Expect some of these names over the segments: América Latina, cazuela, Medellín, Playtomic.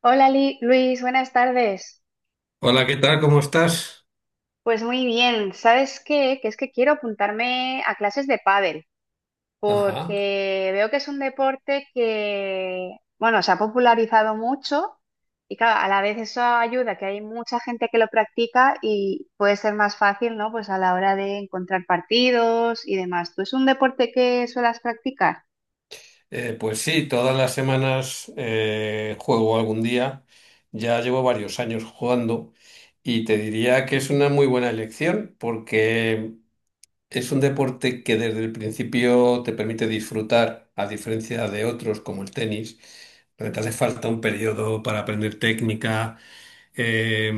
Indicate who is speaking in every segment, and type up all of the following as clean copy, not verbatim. Speaker 1: Hola Luis, buenas tardes.
Speaker 2: Hola, ¿qué tal? ¿Cómo estás?
Speaker 1: Pues muy bien, ¿sabes qué? Que es que quiero apuntarme a clases de pádel,
Speaker 2: Ajá.
Speaker 1: porque veo que es un deporte que, bueno, se ha popularizado mucho y claro, a la vez eso ayuda, que hay mucha gente que lo practica y puede ser más fácil, ¿no? Pues a la hora de encontrar partidos y demás. ¿Tú es un deporte que suelas practicar?
Speaker 2: Pues sí, todas las semanas juego algún día. Ya llevo varios años jugando y te diría que es una muy buena elección porque es un deporte que desde el principio te permite disfrutar, a diferencia de otros como el tenis, donde te hace falta un periodo para aprender técnica, eh,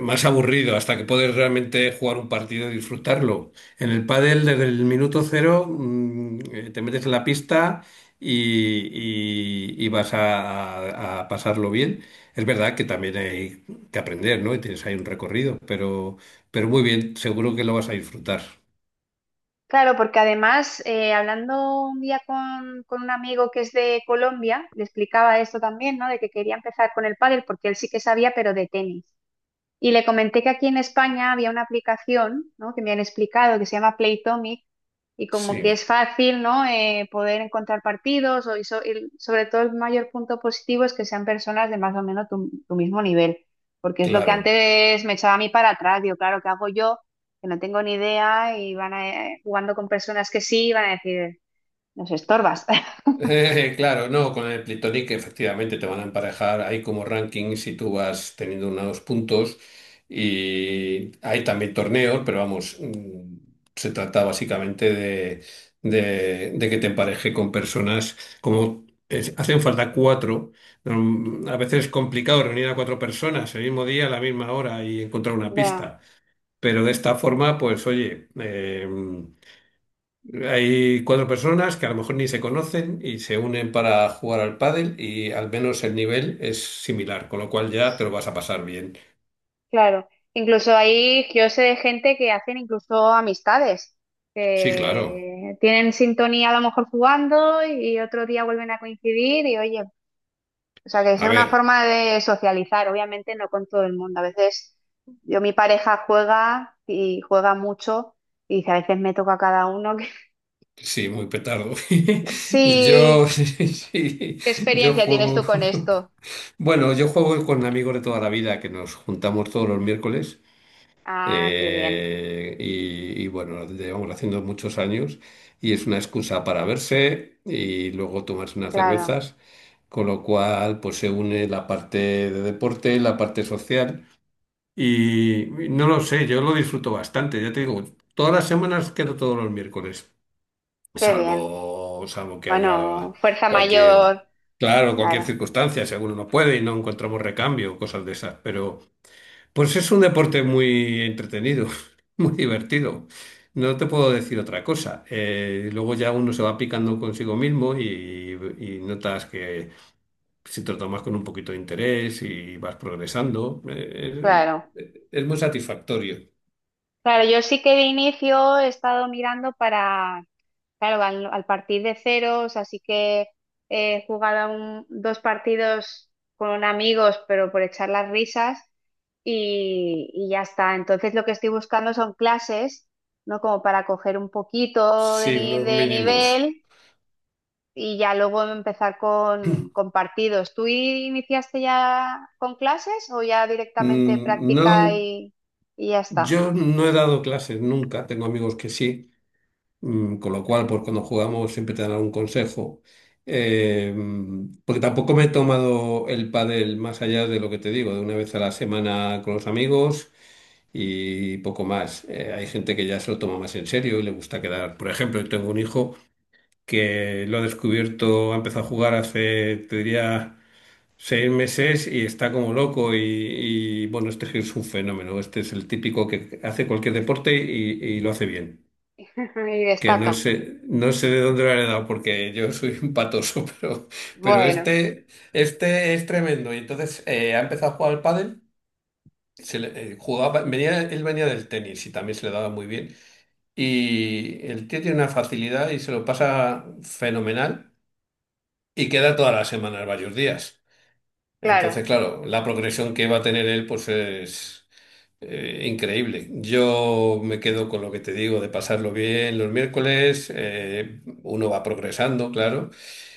Speaker 2: más aburrido, hasta que puedes realmente jugar un partido y disfrutarlo. En el pádel, desde el minuto cero, te metes en la pista y vas a pasarlo bien. Es verdad que también hay que aprender, ¿no? Y tienes ahí un recorrido, pero muy bien, seguro que lo vas a disfrutar.
Speaker 1: Claro, porque además, hablando un día con un amigo que es de Colombia, le explicaba esto también, ¿no? De que quería empezar con el pádel porque él sí que sabía, pero de tenis. Y le comenté que aquí en España había una aplicación, ¿no? Que me han explicado que se llama Playtomic y como que
Speaker 2: Sí,
Speaker 1: es fácil, ¿no? Poder encontrar partidos o, y sobre todo el mayor punto positivo es que sean personas de más o menos tu mismo nivel, porque es lo que
Speaker 2: claro.
Speaker 1: antes me echaba a mí para atrás, digo, claro, ¿qué hago yo? Que no tengo ni idea y van a, jugando con personas que sí, van a decir, nos estorbas.
Speaker 2: Claro, no, con el Plitonic efectivamente te van a emparejar. Hay como rankings y tú vas teniendo unos puntos. Y hay también torneos, pero vamos, se trata básicamente de, de que te empareje con personas como hacen falta cuatro. A veces es complicado reunir a cuatro personas el mismo día, a la misma hora y encontrar una
Speaker 1: Ya,
Speaker 2: pista. Pero de esta forma, pues oye. Hay cuatro personas que a lo mejor ni se conocen y se unen para jugar al pádel y al menos el nivel es similar, con lo cual ya te lo vas a pasar bien.
Speaker 1: claro, incluso ahí yo sé de gente que hacen incluso amistades,
Speaker 2: Sí, claro.
Speaker 1: que tienen sintonía a lo mejor jugando y otro día vuelven a coincidir y oye, o sea que es
Speaker 2: A
Speaker 1: una
Speaker 2: ver,
Speaker 1: forma de socializar, obviamente no con todo el mundo. A veces yo mi pareja juega y juega mucho y dice, a veces me toca a cada uno.
Speaker 2: sí, muy petardo. Yo,
Speaker 1: Sí,
Speaker 2: sí,
Speaker 1: ¿qué
Speaker 2: yo
Speaker 1: experiencia tienes
Speaker 2: juego.
Speaker 1: tú con esto?
Speaker 2: Bueno, yo juego con amigos de toda la vida que nos juntamos todos los miércoles.
Speaker 1: Ah, qué bien,
Speaker 2: Y bueno, llevamos haciendo muchos años y es una excusa para verse y luego tomarse unas
Speaker 1: claro,
Speaker 2: cervezas, con lo cual pues se une la parte de deporte, la parte social y no lo sé, yo lo disfruto bastante, ya te digo, todas las semanas quedo todos los miércoles,
Speaker 1: qué bien.
Speaker 2: salvo que
Speaker 1: Bueno,
Speaker 2: haya
Speaker 1: fuerza
Speaker 2: cualquier,
Speaker 1: mayor,
Speaker 2: claro, cualquier
Speaker 1: claro,
Speaker 2: circunstancia, si alguno no puede y no encontramos recambio, cosas de esas, pues es un deporte muy entretenido, muy divertido. No te puedo decir otra cosa. Luego ya uno se va picando consigo mismo y, notas que si te lo tomas con un poquito de interés y vas progresando,
Speaker 1: claro.
Speaker 2: es muy satisfactorio.
Speaker 1: Claro, yo sí que de inicio he estado mirando para, claro, al partir de ceros, así que he jugado dos partidos con amigos, pero por echar las risas y ya está. Entonces lo que estoy buscando son clases, ¿no? Como para coger un poquito de,
Speaker 2: Sí, unos
Speaker 1: de
Speaker 2: mínimos.
Speaker 1: nivel y ya luego empezar con partidos. ¿Tú iniciaste ya con clases o ya directamente práctica
Speaker 2: No,
Speaker 1: y ya está?
Speaker 2: yo no he dado clases nunca, tengo amigos que sí. Con lo cual, pues cuando jugamos siempre te dan algún consejo. Eh, Porque tampoco me he tomado el pádel más allá de lo que te digo, de una vez a la semana con los amigos y poco más. Hay gente que ya se lo toma más en serio y le gusta quedar. Por ejemplo, yo tengo un hijo que lo ha descubierto, ha empezado a jugar hace, te diría, 6 meses y está como loco y, bueno, este es un fenómeno. Este es el típico que hace cualquier deporte y lo hace bien,
Speaker 1: Y
Speaker 2: que no
Speaker 1: destaca.
Speaker 2: sé, no sé de dónde lo han dado porque yo soy un patoso, pero
Speaker 1: Bueno,
Speaker 2: este es tremendo. Y entonces ha empezado a jugar al pádel, jugaba, él venía del tenis y también se le daba muy bien. Y el tío tiene una facilidad y se lo pasa fenomenal y queda todas las semanas varios días.
Speaker 1: claro,
Speaker 2: Entonces, claro, la progresión que va a tener él pues es... Increíble. Yo me quedo con lo que te digo de pasarlo bien los miércoles. Uno va progresando, claro.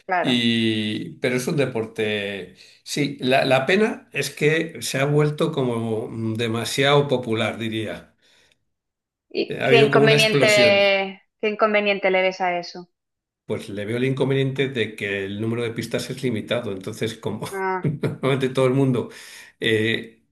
Speaker 1: claro.
Speaker 2: Y, pero es un deporte. Sí, la pena es que se ha vuelto como demasiado popular, diría.
Speaker 1: ¿Y
Speaker 2: Ha habido como una explosión.
Speaker 1: qué inconveniente le ves a eso?
Speaker 2: Pues le veo el inconveniente de que el número de pistas es limitado. Entonces, como
Speaker 1: Ah,
Speaker 2: normalmente todo el mundo eh,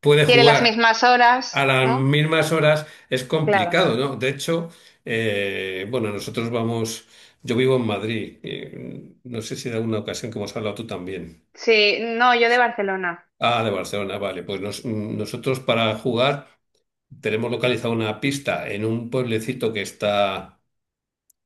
Speaker 2: puede
Speaker 1: quiere las
Speaker 2: jugar.
Speaker 1: mismas
Speaker 2: A
Speaker 1: horas,
Speaker 2: las
Speaker 1: ¿no?
Speaker 2: mismas horas es
Speaker 1: Claro.
Speaker 2: complicado, ¿no? De hecho, bueno, nosotros vamos, yo vivo en Madrid, no sé si de alguna ocasión que hemos hablado tú también.
Speaker 1: Sí, no, yo de Barcelona.
Speaker 2: Ah, de Barcelona, vale, pues nosotros para jugar tenemos localizada una pista en un pueblecito que está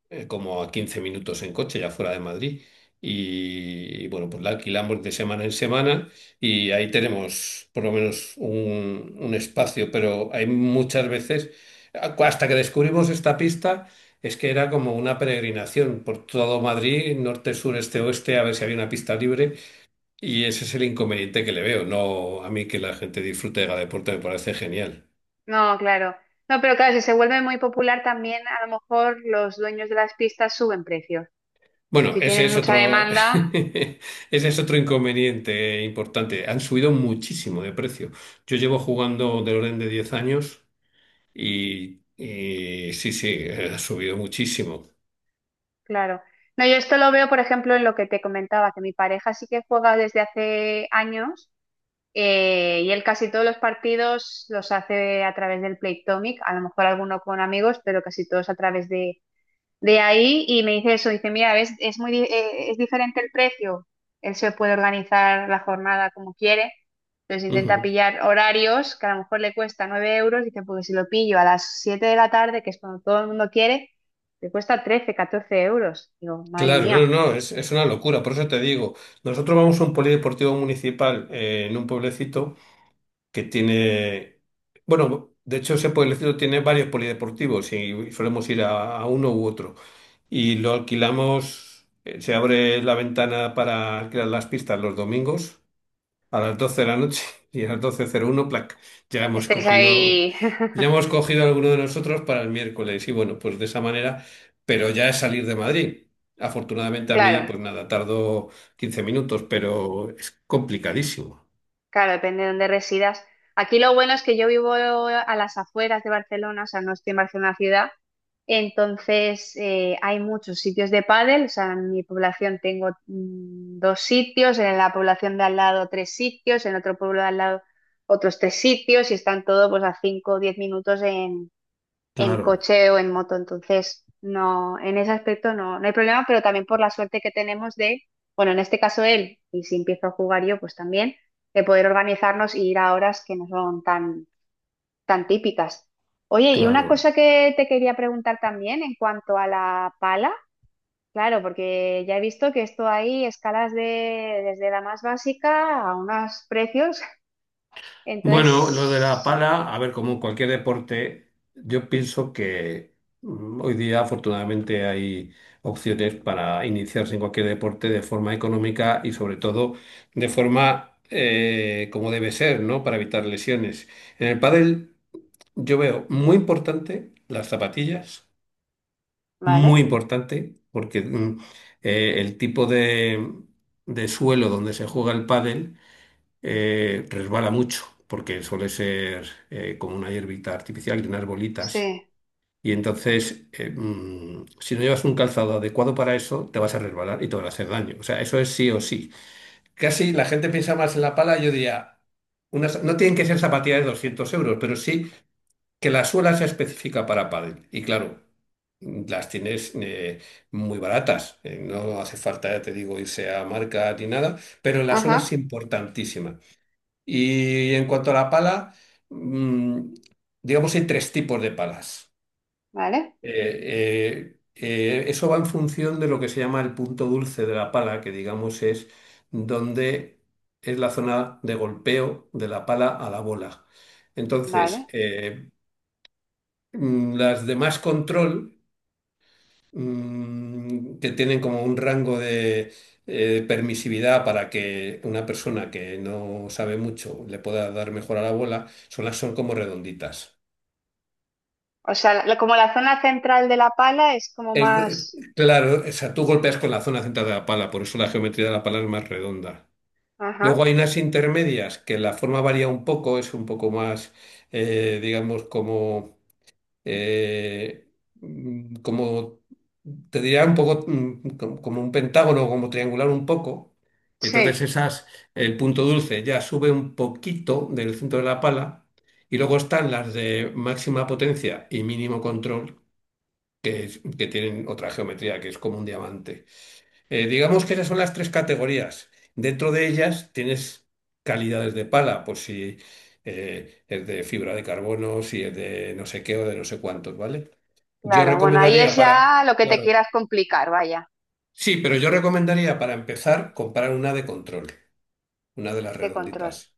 Speaker 2: como a 15 minutos en coche, ya fuera de Madrid. Y, bueno, pues la alquilamos de semana en semana y ahí tenemos por lo menos un espacio, pero hay muchas veces, hasta que descubrimos esta pista, es que era como una peregrinación por todo Madrid, norte, sur, este, oeste, a ver si había una pista libre. Y ese es el inconveniente que le veo, no a mí que la gente disfrute de cada deporte me parece genial.
Speaker 1: No, claro. No, pero claro, si se vuelve muy popular también, a lo mejor los dueños de las pistas suben precios.
Speaker 2: Bueno,
Speaker 1: Si
Speaker 2: ese
Speaker 1: tienen
Speaker 2: es
Speaker 1: mucha
Speaker 2: otro,
Speaker 1: demanda,
Speaker 2: ese es otro inconveniente importante. Han subido muchísimo de precio. Yo llevo jugando del orden de 10 años y sí, sí, ha subido muchísimo.
Speaker 1: claro. No, yo esto lo veo, por ejemplo, en lo que te comentaba, que mi pareja sí que juega desde hace años. Y él casi todos los partidos los hace a través del Playtomic, a lo mejor alguno con amigos, pero casi todos a través de ahí. Y me dice eso, dice, mira, ves, es muy, es diferente el precio. Él se puede organizar la jornada como quiere. Entonces intenta
Speaker 2: Ujú.
Speaker 1: pillar horarios que a lo mejor le cuesta 9 euros. Dice, porque si lo pillo a las 7 de la tarde, que es cuando todo el mundo quiere, le cuesta 13 14 euros. Digo, madre
Speaker 2: Claro, no,
Speaker 1: mía,
Speaker 2: no, es una locura. Por eso te digo, nosotros vamos a un polideportivo municipal en un pueblecito, que tiene, bueno, de hecho ese pueblecito tiene varios polideportivos y solemos ir a uno u otro. Y lo alquilamos, se abre la ventana para alquilar las pistas los domingos a las 12 de la noche y a las 12:01, plac, ya hemos
Speaker 1: estáis
Speaker 2: cogido,
Speaker 1: ahí.
Speaker 2: ya hemos cogido alguno de nosotros para el miércoles. Y bueno, pues de esa manera, pero ya es salir de Madrid. Afortunadamente a mí,
Speaker 1: Claro.
Speaker 2: pues nada, tardo 15 minutos, pero es complicadísimo.
Speaker 1: Claro, depende de dónde residas. Aquí lo bueno es que yo vivo a las afueras de Barcelona, o sea, no estoy en Barcelona ciudad, entonces hay muchos sitios de pádel, o sea, en mi población tengo dos sitios, en la población de al lado tres sitios, en otro pueblo de al lado otros tres sitios y están todos pues a 5 o 10 minutos en
Speaker 2: Claro,
Speaker 1: coche o en moto. Entonces, no, en ese aspecto no, no hay problema, pero también por la suerte que tenemos de, bueno, en este caso él, y si empiezo a jugar yo, pues también, de poder organizarnos y ir a horas que no son tan, tan típicas. Oye, y una
Speaker 2: claro.
Speaker 1: cosa que te quería preguntar también en cuanto a la pala, claro, porque ya he visto que esto hay escalas de, desde la más básica a unos precios,
Speaker 2: Bueno, lo de la
Speaker 1: entonces,
Speaker 2: pala, a ver, como en cualquier deporte, yo pienso que hoy día afortunadamente hay opciones para iniciarse en cualquier deporte de forma económica y sobre todo de forma como debe ser, ¿no? Para evitar lesiones. En el pádel yo veo muy importante las zapatillas, muy
Speaker 1: vale,
Speaker 2: importante, porque el tipo de, suelo donde se juega el pádel resbala mucho, porque suele ser como una hierbita artificial y unas bolitas.
Speaker 1: sí,
Speaker 2: Y entonces, si no llevas un calzado adecuado para eso, te vas a resbalar y te van a hacer daño. O sea, eso es sí o sí. Casi la gente piensa más en la pala, yo diría, unas, no tienen que ser zapatillas de 200 euros, pero sí que la suela sea específica para pádel. Y claro, las tienes muy baratas. No hace falta, ya te digo, irse a marca ni nada, pero la suela es
Speaker 1: ajá,
Speaker 2: importantísima. Y en cuanto a la pala, mm, digamos, hay tres tipos de palas.
Speaker 1: vale,
Speaker 2: Eso va en función de lo que se llama el punto dulce de la pala, que digamos es donde es la zona de golpeo de la pala a la bola. Entonces,
Speaker 1: vale.
Speaker 2: las de más control que tienen como un rango de permisividad para que una persona que no sabe mucho le pueda dar mejor a la bola, son las son como redonditas.
Speaker 1: O sea, como la zona central de la pala es como
Speaker 2: Es de-
Speaker 1: más...
Speaker 2: claro, o sea, tú golpeas con la zona central de la pala, por eso la geometría de la pala es más redonda. Luego
Speaker 1: Ajá,
Speaker 2: hay unas intermedias que la forma varía un poco, es un poco más, digamos, como eh, como te diría un poco como un pentágono, como triangular un poco. Entonces
Speaker 1: sí,
Speaker 2: esas, el punto dulce ya sube un poquito del centro de la pala y luego están las de máxima potencia y mínimo control, que, que tienen otra geometría, que es como un diamante. Digamos que esas son las tres categorías. Dentro de ellas tienes calidades de pala, pues si es de fibra de carbono, si es de no sé qué o de no sé cuántos, ¿vale? Yo
Speaker 1: claro. Bueno, ahí es
Speaker 2: recomendaría para,
Speaker 1: ya lo que te
Speaker 2: claro,
Speaker 1: quieras complicar, vaya,
Speaker 2: sí, pero yo recomendaría para empezar comprar una de control, una de las
Speaker 1: de control.
Speaker 2: redonditas.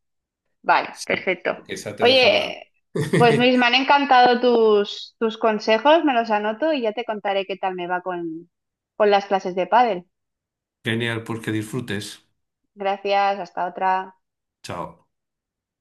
Speaker 1: Vale,
Speaker 2: Sí,
Speaker 1: perfecto.
Speaker 2: porque esa te deja mal.
Speaker 1: Oye, pues Luis, me han encantado tus consejos, me los anoto y ya te contaré qué tal me va con las clases de pádel.
Speaker 2: Genial, pues que disfrutes.
Speaker 1: Gracias, hasta otra.
Speaker 2: Chao.